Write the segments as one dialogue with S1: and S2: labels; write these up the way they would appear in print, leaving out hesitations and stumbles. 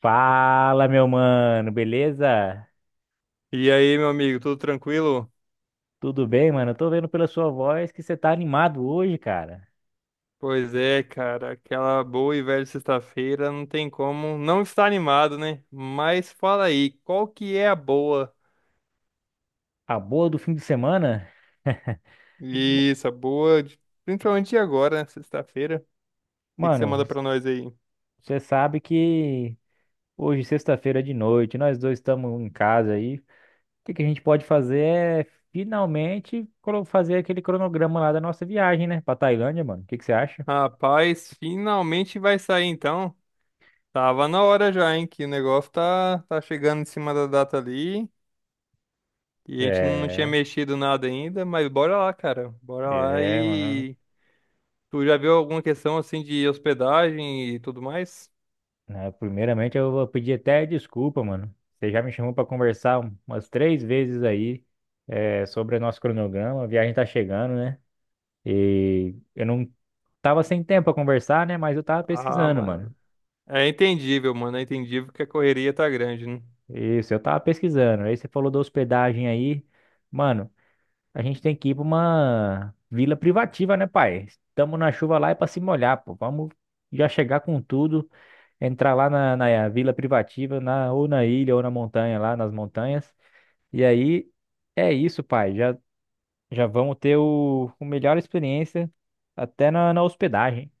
S1: Fala, meu mano, beleza?
S2: E aí, meu amigo, tudo tranquilo?
S1: Tudo bem, mano? Eu tô vendo pela sua voz que você tá animado hoje, cara.
S2: Pois é, cara, aquela boa e velha sexta-feira não tem como não estar animado, né? Mas fala aí, qual que é a boa?
S1: A boa do fim de semana? M-
S2: Isso, a boa, principalmente de agora, né? Sexta-feira. O que que você
S1: Mano,
S2: manda pra nós aí?
S1: você sabe que hoje, sexta-feira de noite, nós dois estamos em casa aí. O que que a gente pode fazer é finalmente fazer aquele cronograma lá da nossa viagem, né? Pra Tailândia, mano. O que que você acha?
S2: Rapaz, finalmente vai sair então. Tava na hora já, hein? Que o negócio tá chegando em cima da data ali. E a gente não tinha
S1: É,
S2: mexido nada ainda, mas bora lá, cara. Bora lá
S1: é, mano,
S2: e. Tu já viu alguma questão assim de hospedagem e tudo mais?
S1: né? Primeiramente, eu vou pedir até desculpa, mano. Você já me chamou para conversar umas três vezes aí, sobre o nosso cronograma. A viagem tá chegando, né? E eu não tava sem tempo para conversar, né? Mas eu tava
S2: Ah,
S1: pesquisando, mano.
S2: mano. É entendível, mano. É entendível que a correria tá grande, né?
S1: Isso, eu tava pesquisando. Aí você falou da hospedagem aí. Mano, a gente tem que ir pra uma vila privativa, né, pai? Estamos na chuva lá é pra se molhar, pô. Vamos já chegar com tudo, entrar lá na vila privativa, ou na ilha, ou na montanha, lá nas montanhas. E aí, é isso, pai. Já vamos ter o melhor experiência até na hospedagem.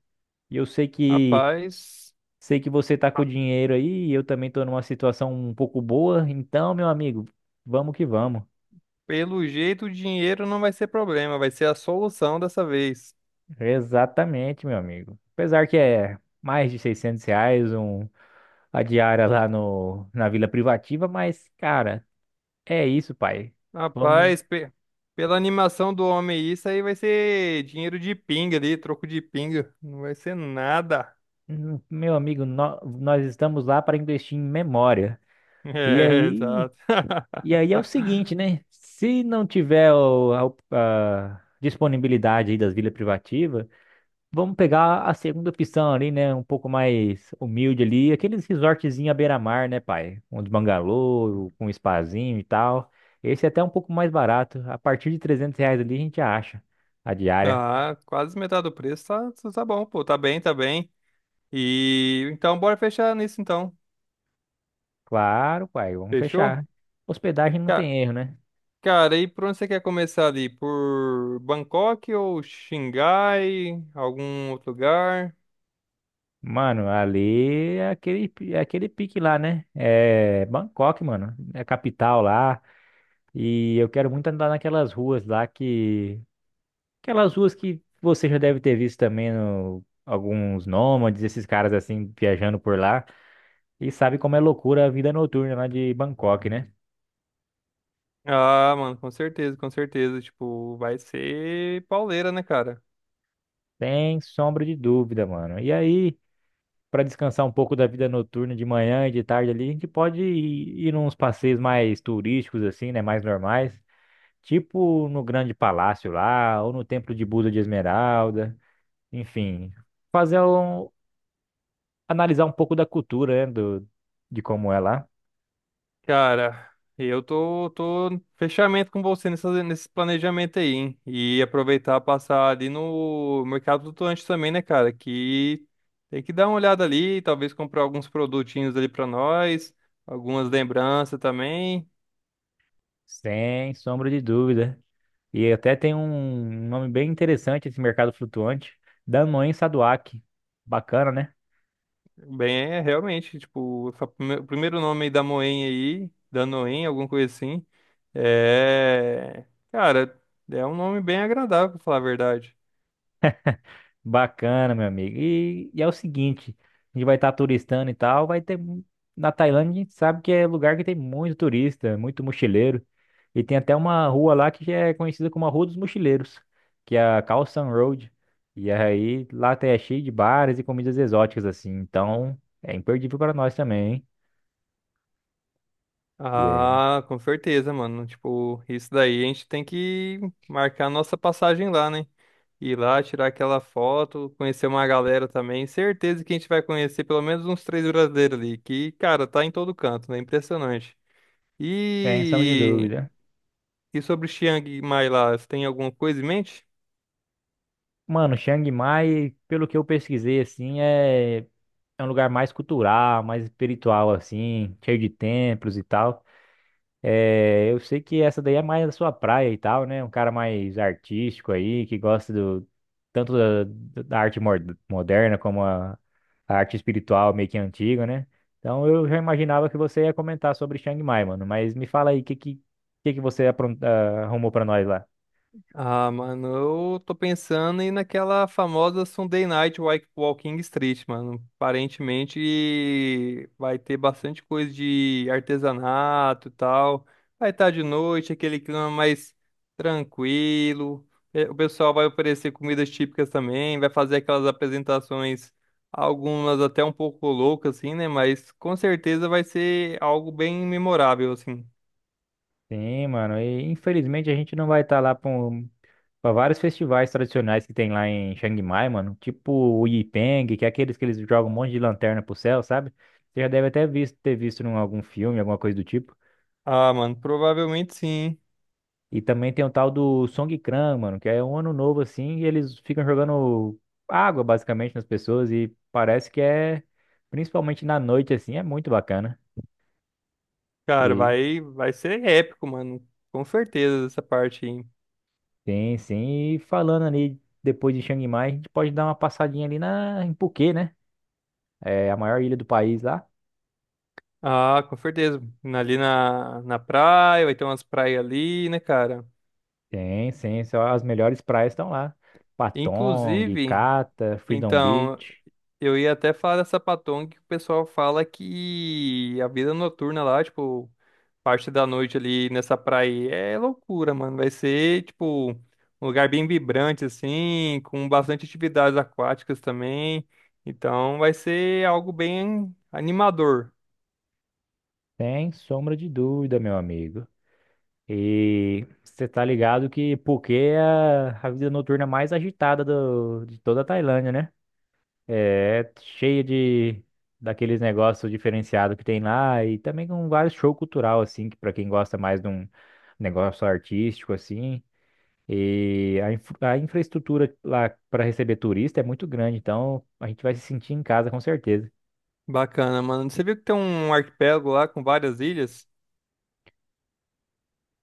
S1: E eu sei que
S2: Rapaz,
S1: sei que você tá com dinheiro aí, e eu também tô numa situação um pouco boa. Então, meu amigo, vamos que vamos.
S2: pelo jeito o dinheiro não vai ser problema, vai ser a solução dessa vez.
S1: Exatamente, meu amigo. Apesar que é mais de R$ 600 a diária lá no, na Vila Privativa, mas, cara, é isso, pai. Vamos,
S2: Rapaz, pela animação do homem, isso aí vai ser dinheiro de pinga ali, troco de pinga. Não vai ser nada.
S1: meu amigo, nós estamos lá para investir em memória. E
S2: É,
S1: aí.
S2: exato.
S1: E aí é o seguinte, né? Se não tiver a disponibilidade aí das vilas privativas, vamos pegar a segunda opção ali, né? Um pouco mais humilde ali, aqueles resortzinhos à beira-mar, né, pai? Um de bangalô, com um spazinho e tal. Esse é até um pouco mais barato. A partir de R$ 300 ali a gente acha a diária.
S2: Ah, quase metade do preço tá bom, pô. Tá bem, tá bem. E então bora fechar nisso então.
S1: Claro, pai, vamos
S2: Fechou?
S1: fechar. Hospedagem não
S2: Ca-
S1: tem erro, né?
S2: Cara, e por onde você quer começar ali? Por Bangkok ou Xangai? Algum outro lugar?
S1: Mano, ali é aquele pique lá, né? É Bangkok, mano. É a capital lá. E eu quero muito andar naquelas ruas lá que. Aquelas ruas que você já deve ter visto também no... alguns nômades, esses caras assim viajando por lá. E sabe como é loucura a vida noturna lá de Bangkok, né?
S2: Ah, mano, com certeza, com certeza. Tipo, vai ser pauleira, né, cara?
S1: Sem sombra de dúvida, mano. E aí, pra descansar um pouco da vida noturna de manhã e de tarde ali, a gente pode ir nos passeios mais turísticos, assim, né? Mais normais. Tipo no Grande Palácio lá, ou no Templo de Buda de Esmeralda. Enfim, fazer um. Analisar um pouco da cultura, né, de como é lá.
S2: Cara, eu tô no fechamento com você nesse planejamento aí, hein? E aproveitar passar ali no Mercado Flutuante também, né, cara? Que tem que dar uma olhada ali, talvez comprar alguns produtinhos ali pra nós, algumas lembranças também.
S1: Sem sombra de dúvida. E até tem um nome bem interessante esse mercado flutuante, Danone Saduak. Bacana, né?
S2: Bem, é realmente, tipo, o primeiro nome aí da Moen aí, da Noen, alguma coisa assim, é... Cara, é um nome bem agradável, pra falar a verdade.
S1: Bacana, meu amigo. E é o seguinte, a gente vai estar turistando e tal, vai ter na Tailândia, a gente sabe que é lugar que tem muito turista, muito mochileiro. E tem até uma rua lá que já é conhecida como a Rua dos Mochileiros, que é a Khao San Road. E aí lá até é cheio de bares e comidas exóticas assim. Então, é imperdível para nós também, hein? E é-
S2: Ah, com certeza, mano. Tipo, isso daí a gente tem que marcar a nossa passagem lá, né? Ir lá, tirar aquela foto, conhecer uma galera também. Certeza que a gente vai conhecer pelo menos uns três brasileiros ali, que, cara, tá em todo canto, né? Impressionante.
S1: Sem sombra de
S2: E,
S1: dúvida.
S2: e sobre o Chiang Mai lá, você tem alguma coisa em mente?
S1: Mano, Chiang Mai, pelo que eu pesquisei, assim, é um lugar mais cultural, mais espiritual, assim, cheio de templos e tal. É, eu sei que essa daí é mais a sua praia e tal, né? Um cara mais artístico aí, que gosta tanto da arte moderna como a arte espiritual meio que antiga, né? Então eu já imaginava que você ia comentar sobre Chiang Mai, mano, mas me fala aí, o que que você arrumou pra nós lá?
S2: Ah, mano, eu tô pensando em naquela famosa Walking Street, mano. Aparentemente vai ter bastante coisa de artesanato e tal. Vai estar de noite, aquele clima mais tranquilo. O pessoal vai oferecer comidas típicas também, vai fazer aquelas apresentações, algumas até um pouco loucas, assim, né? Mas com certeza vai ser algo bem memorável, assim.
S1: Sim, mano. E infelizmente a gente não vai estar lá para vários festivais tradicionais que tem lá em Chiang Mai, mano. Tipo o Yipeng, que é aqueles que eles jogam um monte de lanterna pro céu, sabe? Você já deve até ter visto em algum filme, alguma coisa do tipo.
S2: Ah, mano, provavelmente sim.
S1: E também tem o tal do Songkran, mano, que é um ano novo assim, e eles ficam jogando água basicamente nas pessoas e parece que principalmente na noite assim, é muito bacana.
S2: Cara, vai ser épico, mano. Com certeza, essa parte aí.
S1: Sim, sim. E falando ali depois de Chiang Mai, a gente pode dar uma passadinha ali em Phuket, né? É a maior ilha do país lá.
S2: Ah, com certeza. Ali na praia, vai ter umas praias ali, né, cara?
S1: Sim, sim. Só as melhores praias estão lá. Patong,
S2: Inclusive,
S1: Cata, Freedom
S2: então,
S1: Beach.
S2: eu ia até falar dessa Patong que o pessoal fala que a vida noturna lá, tipo, parte da noite ali nessa praia é loucura, mano. Vai ser, tipo, um lugar bem vibrante, assim, com bastante atividades aquáticas também. Então, vai ser algo bem animador.
S1: Sem sombra de dúvida, meu amigo. E você tá ligado que Phuket é a vida noturna mais agitada de toda a Tailândia, né? É cheia de daqueles negócios diferenciados que tem lá e também com vários show cultural assim, que para quem gosta mais de um negócio artístico assim. E a infraestrutura lá para receber turista é muito grande, então a gente vai se sentir em casa com certeza.
S2: Bacana, mano. Você viu que tem um arquipélago lá com várias ilhas?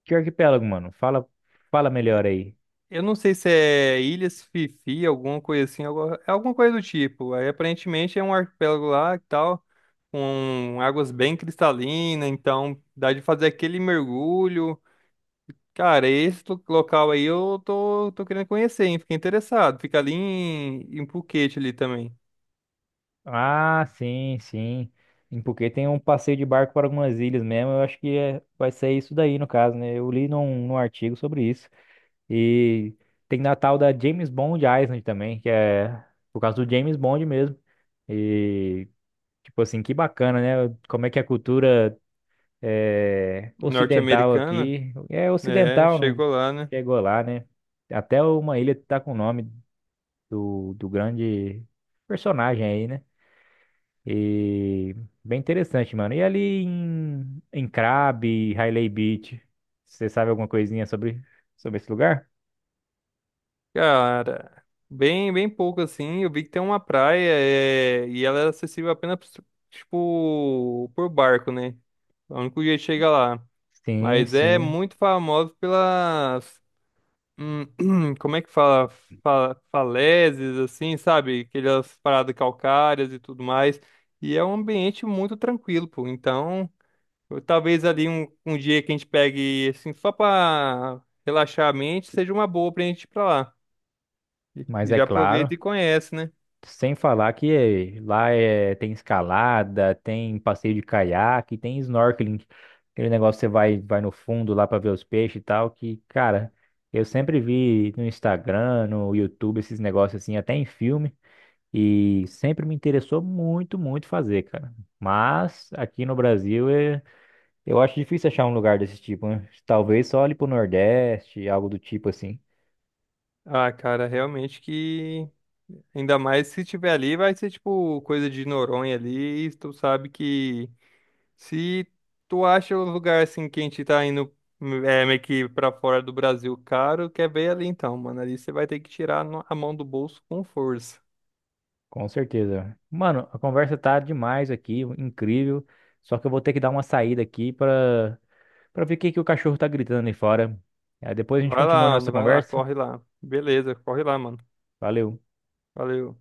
S1: Que arquipélago, mano? Fala melhor aí.
S2: Eu não sei se é Ilhas Fifi, alguma coisa assim, é alguma coisa do tipo. Aí aparentemente é um arquipélago lá e tal, com águas bem cristalinas, então dá de fazer aquele mergulho. Cara, local aí eu tô querendo conhecer, hein? Fiquei interessado. Fica ali em Phuket ali também,
S1: Ah, sim, sim. Em Phuket tem um passeio de barco para algumas ilhas mesmo. Eu acho que vai ser isso daí no caso, né? Eu li num artigo sobre isso. E tem Natal da James Bond Island também, que é por causa do James Bond mesmo. E, tipo assim, que bacana, né? Como é que a cultura é, ocidental
S2: norte-americana,
S1: aqui. É
S2: né?
S1: ocidental, não
S2: Chegou lá, né?
S1: chegou lá, né? Até uma ilha tá com o nome do grande personagem aí, né? E bem interessante, mano. E ali em Crabbe, Hailey Beach, você sabe alguma coisinha sobre esse lugar?
S2: Cara, bem pouco assim. Eu vi que tem uma praia é, e ela é acessível apenas, tipo, por barco, né? É o único jeito que chega lá.
S1: Sim,
S2: Mas é
S1: sim.
S2: muito famoso pelas. hum, como é que fala? Falésias, assim, sabe? Aquelas paradas calcárias e tudo mais. E é um ambiente muito tranquilo, pô. Então, talvez ali um dia que a gente pegue, assim, só pra relaxar a mente, seja uma boa pra gente ir pra lá. E
S1: Mas é
S2: já
S1: claro,
S2: aproveita e conhece, né?
S1: sem falar que lá tem escalada, tem passeio de caiaque, tem snorkeling, aquele negócio que você vai no fundo lá para ver os peixes e tal, que, cara, eu sempre vi no Instagram, no YouTube, esses negócios assim, até em filme, e sempre me interessou muito, muito fazer, cara. Mas aqui no Brasil eu acho difícil achar um lugar desse tipo, né? Talvez só ali pro Nordeste, algo do tipo assim.
S2: Ah, cara, realmente que. Ainda mais se tiver ali, vai ser tipo coisa de Noronha ali. E tu sabe que se tu acha um lugar assim que a gente tá indo meio que pra fora do Brasil caro, quer ver ali então, mano. Ali você vai ter que tirar a mão do bolso com força.
S1: Com certeza. Mano, a conversa tá demais aqui, incrível. Só que eu vou ter que dar uma saída aqui pra para ver o que que o cachorro tá gritando ali fora. Aí depois a gente
S2: Vai
S1: continua
S2: lá,
S1: a nossa
S2: mano, vai lá,
S1: conversa.
S2: corre lá. Beleza, corre lá, mano.
S1: Valeu.
S2: Valeu.